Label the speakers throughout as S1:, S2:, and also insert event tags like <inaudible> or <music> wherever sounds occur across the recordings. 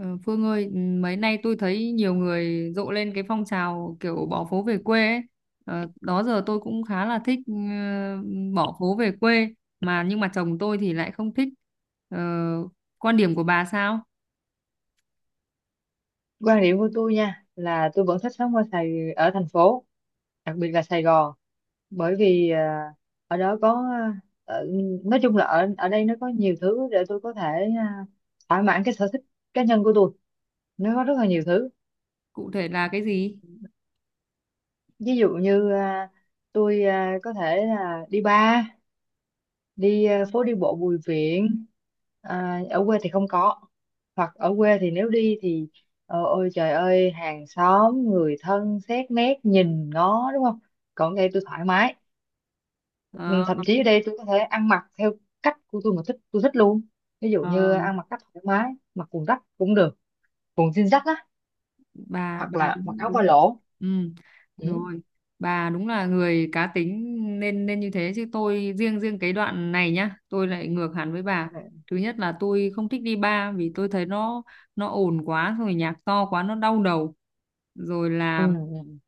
S1: Ờ, Phương ơi, mấy nay tôi thấy nhiều người rộ lên cái phong trào kiểu bỏ phố về quê ấy. Đó giờ tôi cũng khá là thích bỏ phố về quê nhưng mà chồng tôi thì lại không thích. Ờ, Quan điểm của bà sao?
S2: Quan điểm của tôi nha là tôi vẫn thích sống ở Sài ở thành phố, đặc biệt là Sài Gòn, bởi vì ở đó có ở, nói chung là ở ở đây nó có nhiều thứ để tôi có thể à, thỏa mãn cái sở thích cá nhân của tôi, nó có rất là nhiều thứ.
S1: Cụ thể là cái gì?
S2: Ví dụ như tôi có thể là đi bar, đi phố đi bộ Bùi Viện, à, ở quê thì không có. Hoặc ở quê thì nếu đi thì ôi trời ơi hàng xóm người thân xét nét nhìn ngó đúng không, còn ở đây tôi thoải mái. Ừ,
S1: Ờ,
S2: thậm chí ở đây tôi có thể ăn mặc theo cách của tôi, mà thích tôi thích luôn. Ví dụ
S1: ờ.
S2: như ăn mặc cách thoải mái, mặc quần rách cũng được, quần jean rách á,
S1: bà
S2: hoặc
S1: bà
S2: là mặc
S1: đúng
S2: áo
S1: đúng,
S2: ba lỗ.
S1: ừ
S2: Ừ.
S1: rồi, bà đúng là người cá tính nên nên như thế, chứ tôi riêng riêng cái đoạn này nhá tôi lại ngược hẳn với bà.
S2: Ừ.
S1: Thứ nhất là tôi không thích đi bar vì tôi thấy nó ồn quá, rồi nhạc to quá nó đau đầu. Rồi
S2: Ừ.
S1: là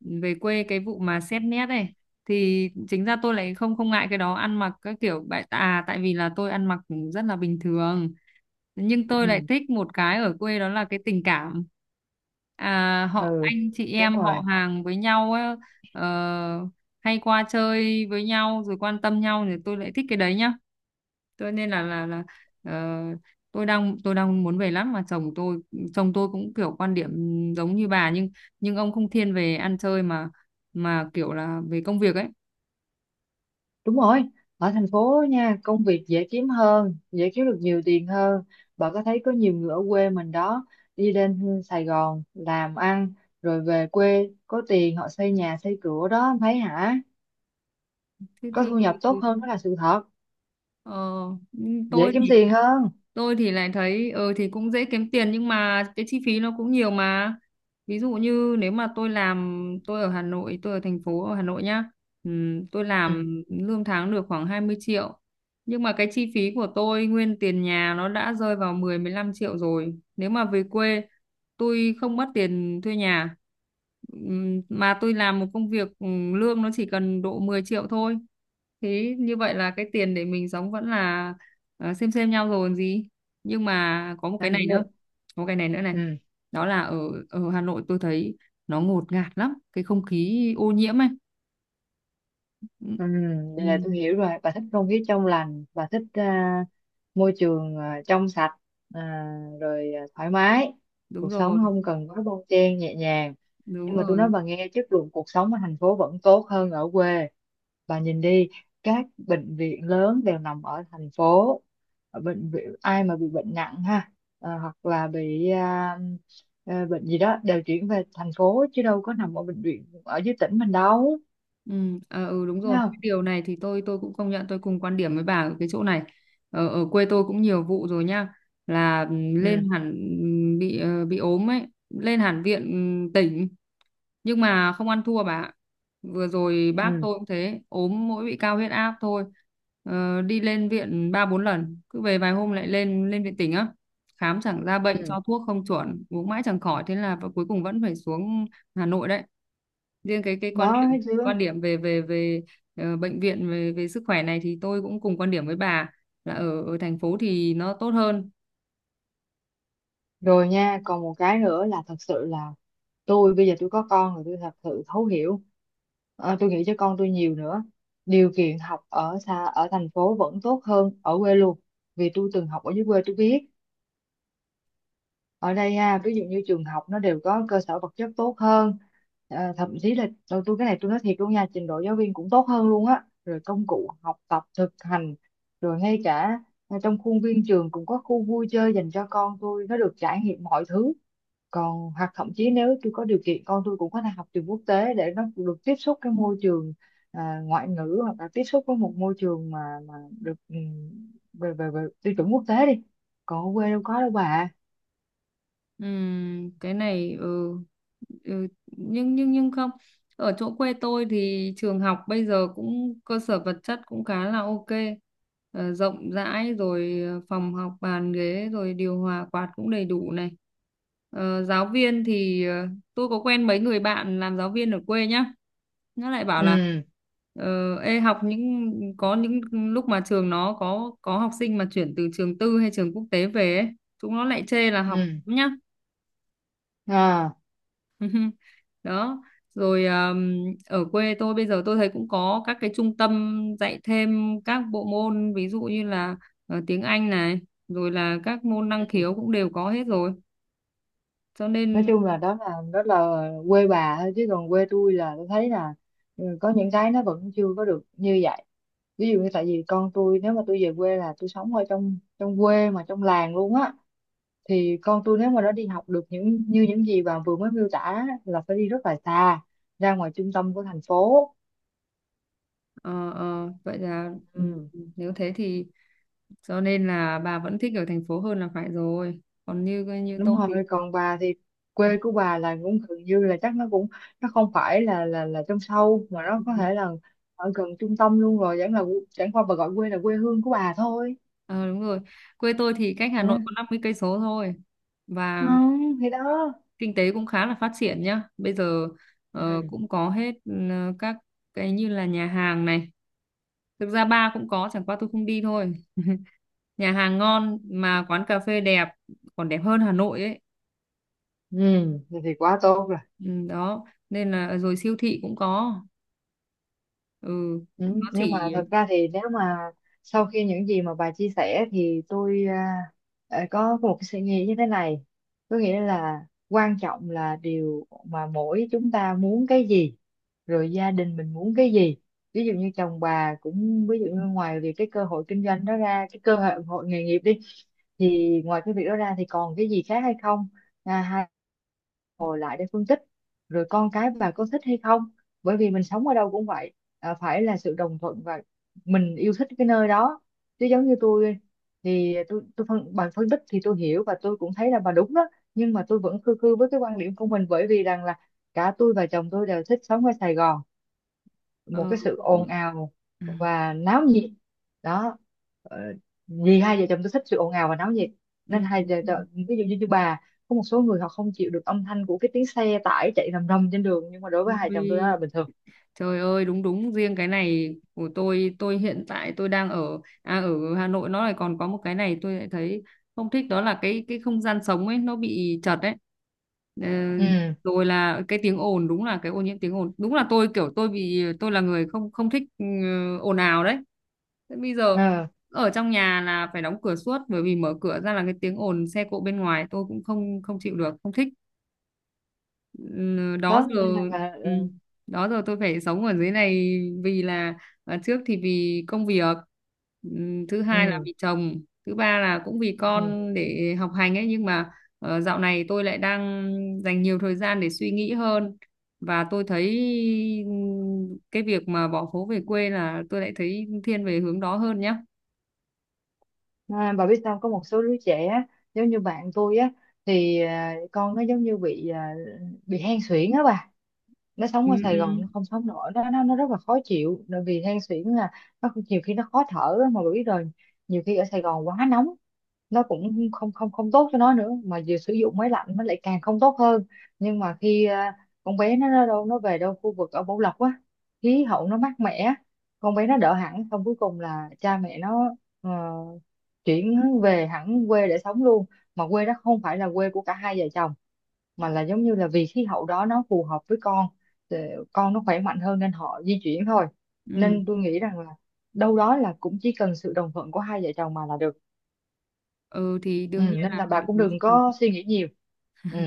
S1: về quê cái vụ mà xét nét này thì chính ra tôi lại không không ngại cái đó, ăn mặc các kiểu bại à tại vì là tôi ăn mặc rất là bình thường. Nhưng tôi lại
S2: Ừ.
S1: thích một cái ở quê đó là cái tình cảm, họ
S2: Ừ,
S1: anh chị
S2: đúng
S1: em
S2: rồi.
S1: họ hàng với nhau ấy, ờ, hay qua chơi với nhau rồi quan tâm nhau thì tôi lại thích cái đấy nhá. Tôi nên là ờ, Tôi đang muốn về lắm mà chồng tôi, cũng kiểu quan điểm giống như bà, nhưng ông không thiên về ăn chơi mà kiểu là về công việc ấy.
S2: Đúng rồi, ở thành phố nha, công việc dễ kiếm hơn, dễ kiếm được nhiều tiền hơn. Bà có thấy có nhiều người ở quê mình đó, đi lên Sài Gòn làm ăn, rồi về quê có tiền họ xây nhà xây cửa đó, em thấy hả?
S1: Thế
S2: Có
S1: thì,
S2: thu nhập tốt hơn đó là sự thật,
S1: ờ,
S2: dễ
S1: tôi
S2: kiếm
S1: thì
S2: tiền hơn.
S1: lại thấy ờ thì cũng dễ kiếm tiền nhưng mà cái chi phí nó cũng nhiều mà. Ví dụ như nếu mà tôi làm, tôi ở Hà Nội, tôi ở thành phố ở Hà Nội nhá. Tôi
S2: Ừ,
S1: làm lương tháng được khoảng 20 triệu, nhưng mà cái chi phí của tôi nguyên tiền nhà nó đã rơi vào mười mười 15 triệu rồi. Nếu mà về quê tôi không mất tiền thuê nhà, mà tôi làm một công việc lương nó chỉ cần độ 10 triệu thôi, thế như vậy là cái tiền để mình sống vẫn là xem nhau rồi còn gì. Nhưng mà có một cái này nữa,
S2: anh-
S1: có một cái này nữa này
S2: ừ,
S1: đó là ở ở Hà Nội tôi thấy nó ngột ngạt lắm, cái không khí ô nhiễm ấy. ừ,
S2: ừ,
S1: ừ,
S2: vậy là tôi hiểu rồi, bà thích không khí trong lành, bà thích môi trường trong sạch, à, thoải mái,
S1: Đúng
S2: cuộc sống
S1: rồi,
S2: không cần quá bon chen, nhẹ nhàng.
S1: đúng
S2: Nhưng mà tôi nói
S1: rồi.
S2: bà nghe, chất lượng cuộc sống ở thành phố vẫn tốt hơn ở quê. Bà nhìn đi, các bệnh viện lớn đều nằm ở thành phố. Ở bệnh viện ai mà bị bệnh nặng ha, hoặc là bị bệnh gì đó đều chuyển về thành phố chứ đâu có nằm ở bệnh viện ở dưới tỉnh mình đâu.
S1: Ừ, Đúng
S2: Thấy
S1: rồi, cái
S2: không?
S1: điều này thì tôi cũng công nhận, tôi cùng quan điểm với bà ở cái chỗ này. Ở quê tôi cũng nhiều vụ rồi nha, là ừ,
S2: Ừ.
S1: lên hẳn ừ, bị ờ, bị ốm ấy lên hẳn viện, tỉnh, nhưng mà không ăn thua bà ạ. Vừa rồi bác
S2: Ừ.
S1: tôi cũng thế, ốm mỗi bị cao huyết áp thôi, đi lên viện ba bốn lần, cứ về vài hôm lại lên lên viện tỉnh á, khám chẳng ra bệnh,
S2: Ừ.
S1: cho thuốc không chuẩn, uống mãi chẳng khỏi, thế là cuối cùng vẫn phải xuống Hà Nội đấy. Riêng cái quan
S2: Đó,
S1: điểm,
S2: thấy chưa?
S1: về về về bệnh viện, về về sức khỏe này thì tôi cũng cùng quan điểm với bà là ở ở thành phố thì nó tốt hơn.
S2: Rồi nha, còn một cái nữa là thật sự là tôi bây giờ tôi có con rồi, tôi thật sự thấu hiểu. Ờ, tôi nghĩ cho con tôi nhiều nữa, điều kiện học ở xa ở thành phố vẫn tốt hơn ở quê luôn, vì tôi từng học ở dưới quê tôi biết. Ở đây ha, ví dụ như trường học nó đều có cơ sở vật chất tốt hơn. Ờ, thậm chí là tôi cái này tôi nói thiệt luôn nha, trình độ giáo viên cũng tốt hơn luôn á, rồi công cụ học tập thực hành, rồi ngay cả trong khuôn viên trường cũng có khu vui chơi dành cho con tôi, nó được trải nghiệm mọi thứ. Còn hoặc thậm chí nếu tôi có điều kiện, con tôi cũng có thể học trường quốc tế để nó được tiếp xúc cái môi trường ngoại ngữ, hoặc là tiếp xúc với một môi trường mà mà được về về về tiêu chuẩn quốc tế đi. Còn ở quê đâu có đâu bà.
S1: Cái này nhưng nhưng không, ở chỗ quê tôi thì trường học bây giờ cũng cơ sở vật chất cũng khá là ok. Rộng rãi rồi, phòng học, bàn ghế, rồi điều hòa quạt cũng đầy đủ này. Giáo viên thì tôi có quen mấy người bạn làm giáo viên ở quê nhá, nó lại bảo là
S2: Ừ.
S1: ờ, ê, học những có những lúc mà trường nó có học sinh mà chuyển từ trường tư hay trường quốc tế về ấy, chúng nó lại chê là học
S2: Ừ.
S1: nhá.
S2: À,
S1: Đó, rồi ở quê tôi bây giờ tôi thấy cũng có các cái trung tâm dạy thêm các bộ môn, ví dụ như là tiếng Anh này, rồi là các môn năng khiếu cũng đều có hết rồi, cho
S2: nói
S1: nên
S2: chung là đó là quê bà thôi, chứ còn quê tôi là tôi thấy là ừ, có những cái nó vẫn chưa có được như vậy. Ví dụ như tại vì con tôi, nếu mà tôi về quê là tôi sống ở trong trong quê mà trong làng luôn á, thì con tôi nếu mà nó đi học được những như những gì bà vừa mới miêu tả á, là phải đi rất là xa, ra ngoài trung tâm của thành phố.
S1: ờ, vậy là
S2: Ừ,
S1: nếu thế thì cho nên là bà vẫn thích ở thành phố hơn là phải rồi. Còn như như tôi
S2: đúng
S1: thì
S2: rồi, còn bà thì quê của bà là cũng gần như là chắc nó cũng nó không phải là trong sâu, mà nó có
S1: ừ.
S2: thể là ở gần trung tâm luôn rồi, chẳng là chẳng qua bà gọi quê là quê hương của bà thôi.
S1: Ờ, Đúng rồi, quê tôi thì cách Hà
S2: Ừ.
S1: Nội có 50 cây số thôi,
S2: Ừ,
S1: và
S2: thì đó.
S1: kinh tế cũng khá là phát triển nhá. Bây giờ
S2: Ừ.
S1: cũng có hết, các cái như là nhà hàng này. Thực ra bar cũng có, chẳng qua tôi không đi thôi. <laughs> Nhà hàng ngon, mà quán cà phê đẹp, còn đẹp hơn Hà Nội ấy.
S2: Ừ. Thì quá tốt rồi.
S1: Ừ, đó, nên là rồi siêu thị cũng có. Ừ,
S2: Ừ,
S1: nó
S2: nhưng mà
S1: chỉ
S2: thật ra thì nếu mà sau khi những gì mà bà chia sẻ thì tôi có một cái suy nghĩ như thế này, có nghĩa là quan trọng là điều mà mỗi chúng ta muốn cái gì, rồi gia đình mình muốn cái gì. Ví dụ như chồng bà cũng ví dụ như ngoài việc cái cơ hội kinh doanh đó ra, cái cơ hội hội nghề nghiệp đi, thì ngoài cái việc đó ra thì còn cái gì khác hay không. À, ngồi lại để phân tích, rồi con cái bà có thích hay không. Bởi vì mình sống ở đâu cũng vậy, à, phải là sự đồng thuận và mình yêu thích cái nơi đó. Chứ giống như tôi thì tôi phân bà phân tích thì tôi hiểu, và tôi cũng thấy là bà đúng đó, nhưng mà tôi vẫn khư khư với cái quan điểm của mình, bởi vì rằng là cả tôi và chồng tôi đều thích sống ở Sài Gòn,
S1: ờ,
S2: một cái sự ồn ào và náo nhiệt. Đó, ờ, vì hai vợ chồng tôi thích sự ồn ào và náo nhiệt, nên
S1: ừ, ừ,
S2: hai vợ chồng ví dụ như, như bà, có một số người họ không chịu được âm thanh của cái tiếng xe tải chạy rầm rầm trên đường, nhưng mà đối với hai chồng tôi đó là
S1: Ui,
S2: bình thường.
S1: trời ơi, đúng đúng, riêng cái này của tôi, hiện tại tôi đang ở ở Hà Nội nó lại còn có một cái này tôi lại thấy không thích, đó là cái không gian sống ấy nó bị chật ấy. Ờ,
S2: Ừ.
S1: Rồi là cái tiếng ồn, đúng là cái ô nhiễm tiếng ồn, đúng là tôi kiểu tôi bị, tôi là người không không thích ồn ào đấy. Thế bây giờ
S2: Ờ,
S1: ở trong nhà là phải đóng cửa suốt, bởi vì mở cửa ra là cái tiếng ồn xe cộ bên ngoài tôi cũng không không chịu được, không thích. Ừ, đó
S2: đó
S1: giờ
S2: nên là
S1: ừ, Đó giờ tôi phải sống ở dưới này vì là trước thì vì công việc, ừ, thứ hai là
S2: ừ,
S1: vì chồng, thứ ba là cũng vì
S2: ừ.
S1: con để học hành ấy, nhưng mà dạo này tôi lại đang dành nhiều thời gian để suy nghĩ hơn, và tôi thấy ừ, cái việc mà bỏ phố về quê là tôi lại thấy thiên về hướng đó hơn nhá.
S2: À, bà biết sao có một số đứa trẻ á, giống như bạn tôi á, thì à, con nó giống như bị à, bị hen suyễn á bà, nó sống
S1: ừ,
S2: ở Sài Gòn
S1: ừ,
S2: nó không sống nổi, nó rất là khó chịu, bởi vì than suyễn là nhiều khi nó khó thở á, mà bà biết rồi. Nhiều khi ở Sài Gòn quá nóng nó cũng không không không tốt cho nó nữa, mà vừa sử dụng máy lạnh nó lại càng không tốt hơn. Nhưng mà khi à, con bé nó về đâu khu vực ở Bảo Lộc á, khí hậu nó mát mẻ, con bé nó đỡ hẳn, xong cuối cùng là cha mẹ nó ờ, chuyển về hẳn quê để sống luôn. Mà quê đó không phải là quê của cả hai vợ chồng, mà là giống như là vì khí hậu đó nó phù hợp với con, thì con nó khỏe mạnh hơn nên họ di chuyển thôi.
S1: ừ.
S2: Nên tôi nghĩ rằng là đâu đó là cũng chỉ cần sự đồng thuận của hai vợ chồng mà là được.
S1: Ừ, thì
S2: Ừ,
S1: đương nhiên
S2: nên
S1: là
S2: là
S1: phải
S2: bà cũng
S1: có
S2: đừng
S1: sự-
S2: có suy nghĩ nhiều. Ừ,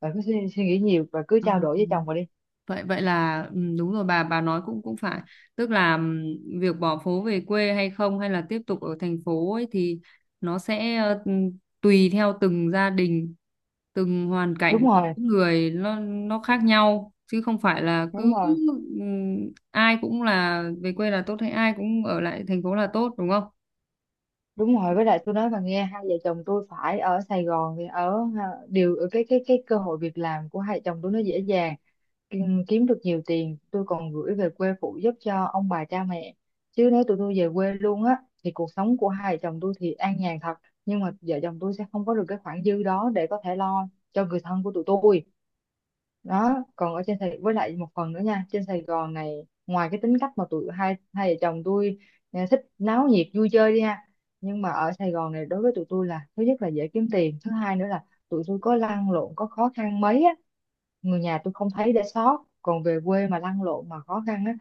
S2: bà cứ suy nghĩ nhiều và cứ
S1: ờ,
S2: trao đổi với chồng bà đi.
S1: Vậy vậy là đúng rồi, bà nói cũng cũng phải, tức là việc bỏ phố về quê hay không, hay là tiếp tục ở thành phố ấy, thì nó sẽ tùy theo từng gia đình, từng hoàn cảnh
S2: Đúng
S1: của
S2: rồi.
S1: mỗi người, nó khác nhau chứ không phải là
S2: Đúng
S1: cứ
S2: rồi.
S1: ừm, ai cũng là về quê là tốt, hay ai cũng ở lại thành phố là tốt, đúng không?
S2: Đúng rồi, với lại tôi nói bà nghe, hai vợ chồng tôi phải ở Sài Gòn thì ở ha, ở cái cơ hội việc làm của hai vợ chồng tôi nó dễ dàng. Ừ, kiếm được nhiều tiền, tôi còn gửi về quê phụ giúp cho ông bà cha mẹ. Chứ nếu tụi tôi về quê luôn á thì cuộc sống của hai vợ chồng tôi thì an nhàn thật, nhưng mà vợ chồng tôi sẽ không có được cái khoản dư đó để có thể lo cho người thân của tụi tôi. Đó, còn ở trên Sài, với lại một phần nữa nha, trên Sài Gòn này ngoài cái tính cách mà tụi hai hai vợ chồng tôi thích náo nhiệt vui chơi đi ha, nhưng mà ở Sài Gòn này đối với tụi tôi là thứ nhất là dễ kiếm tiền, thứ hai nữa là tụi tôi có lăn lộn có khó khăn mấy á, người nhà tôi không thấy để sót. Còn về quê mà lăn lộn mà khó khăn á,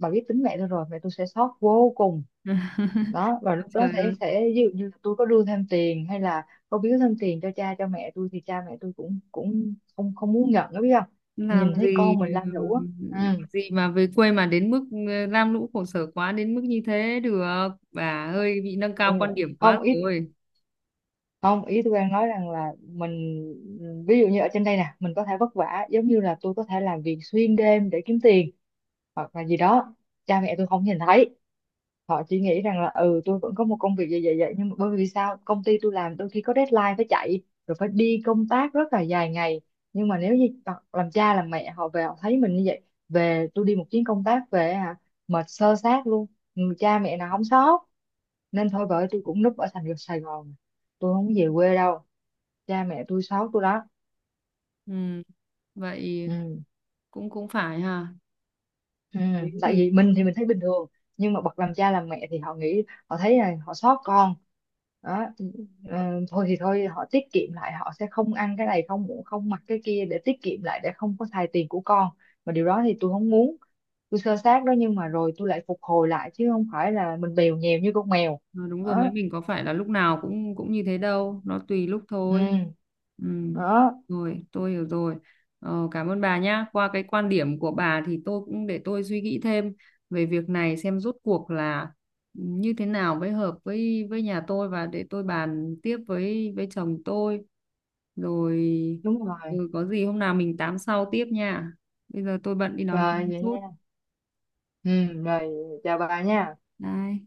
S2: bà biết tính mẹ tôi rồi, mẹ tôi sẽ sót vô cùng.
S1: <laughs>
S2: Đó, và lúc đó
S1: Trời
S2: sẽ
S1: ơi.
S2: ví dụ như là tôi có đưa thêm tiền, hay là có biếu thêm tiền cho cha cho mẹ tôi, thì cha mẹ tôi cũng cũng không không muốn nhận đó, biết không?
S1: Làm
S2: Nhìn thấy
S1: gì,
S2: con mình lam lũ á. Ừ.
S1: gì mà về quê mà đến mức lam lũ khổ sở quá đến mức như thế được, bà hơi bị nâng cao quan
S2: Yeah.
S1: điểm quá
S2: Không ít,
S1: rồi.
S2: không, ý tôi đang nói rằng là mình ví dụ như ở trên đây nè mình có thể vất vả, giống như là tôi có thể làm việc xuyên đêm để kiếm tiền hoặc là gì đó, cha mẹ tôi không nhìn thấy. Họ chỉ nghĩ rằng là ừ tôi vẫn có một công việc vậy vậy vậy, nhưng mà bởi vì sao công ty tôi làm đôi khi có deadline phải chạy, rồi phải đi công tác rất là dài ngày. Nhưng mà nếu như làm cha làm mẹ họ về họ thấy mình như vậy, về tôi đi một chuyến công tác về hả, mệt sơ sát luôn. Ừ, cha mẹ nào không sót? Nên thôi bởi tôi cũng núp ở thành phố Sài Gòn, tôi không có về quê đâu, cha mẹ tôi sót tôi đó.
S1: ừ, Vậy
S2: Ừ.
S1: cũng cũng phải ha,
S2: Ừ,
S1: thế
S2: tại
S1: thì
S2: vì mình thì mình thấy bình thường, nhưng mà bậc làm cha làm mẹ thì họ nghĩ, họ thấy là họ xót con. Đó, ừ, thôi thì thôi họ tiết kiệm lại, họ sẽ không ăn cái này không không mặc cái kia, để tiết kiệm lại để không có xài tiền của con, mà điều đó thì tôi không muốn. Tôi sơ sát đó nhưng mà rồi tôi lại phục hồi lại, chứ không phải là mình bèo nhèo như con mèo.
S1: Ờ, đúng rồi,
S2: Đó.
S1: mấy mình có phải là lúc nào cũng cũng như thế đâu, nó tùy lúc thôi.
S2: Ừ,
S1: Ừ,
S2: đó.
S1: rồi tôi hiểu rồi. Cảm ơn bà nhá, qua cái quan điểm của bà thì tôi cũng để tôi suy nghĩ thêm về việc này, xem rốt cuộc là như thế nào mới hợp với nhà tôi, và để tôi bàn tiếp với chồng tôi rồi.
S2: Đúng rồi.
S1: Ừ, có gì hôm nào mình tám sau tiếp nha, bây giờ tôi bận đi đón con
S2: Rồi vậy
S1: chút.
S2: nha. Ừ, rồi. Chào bà nha.
S1: Bye.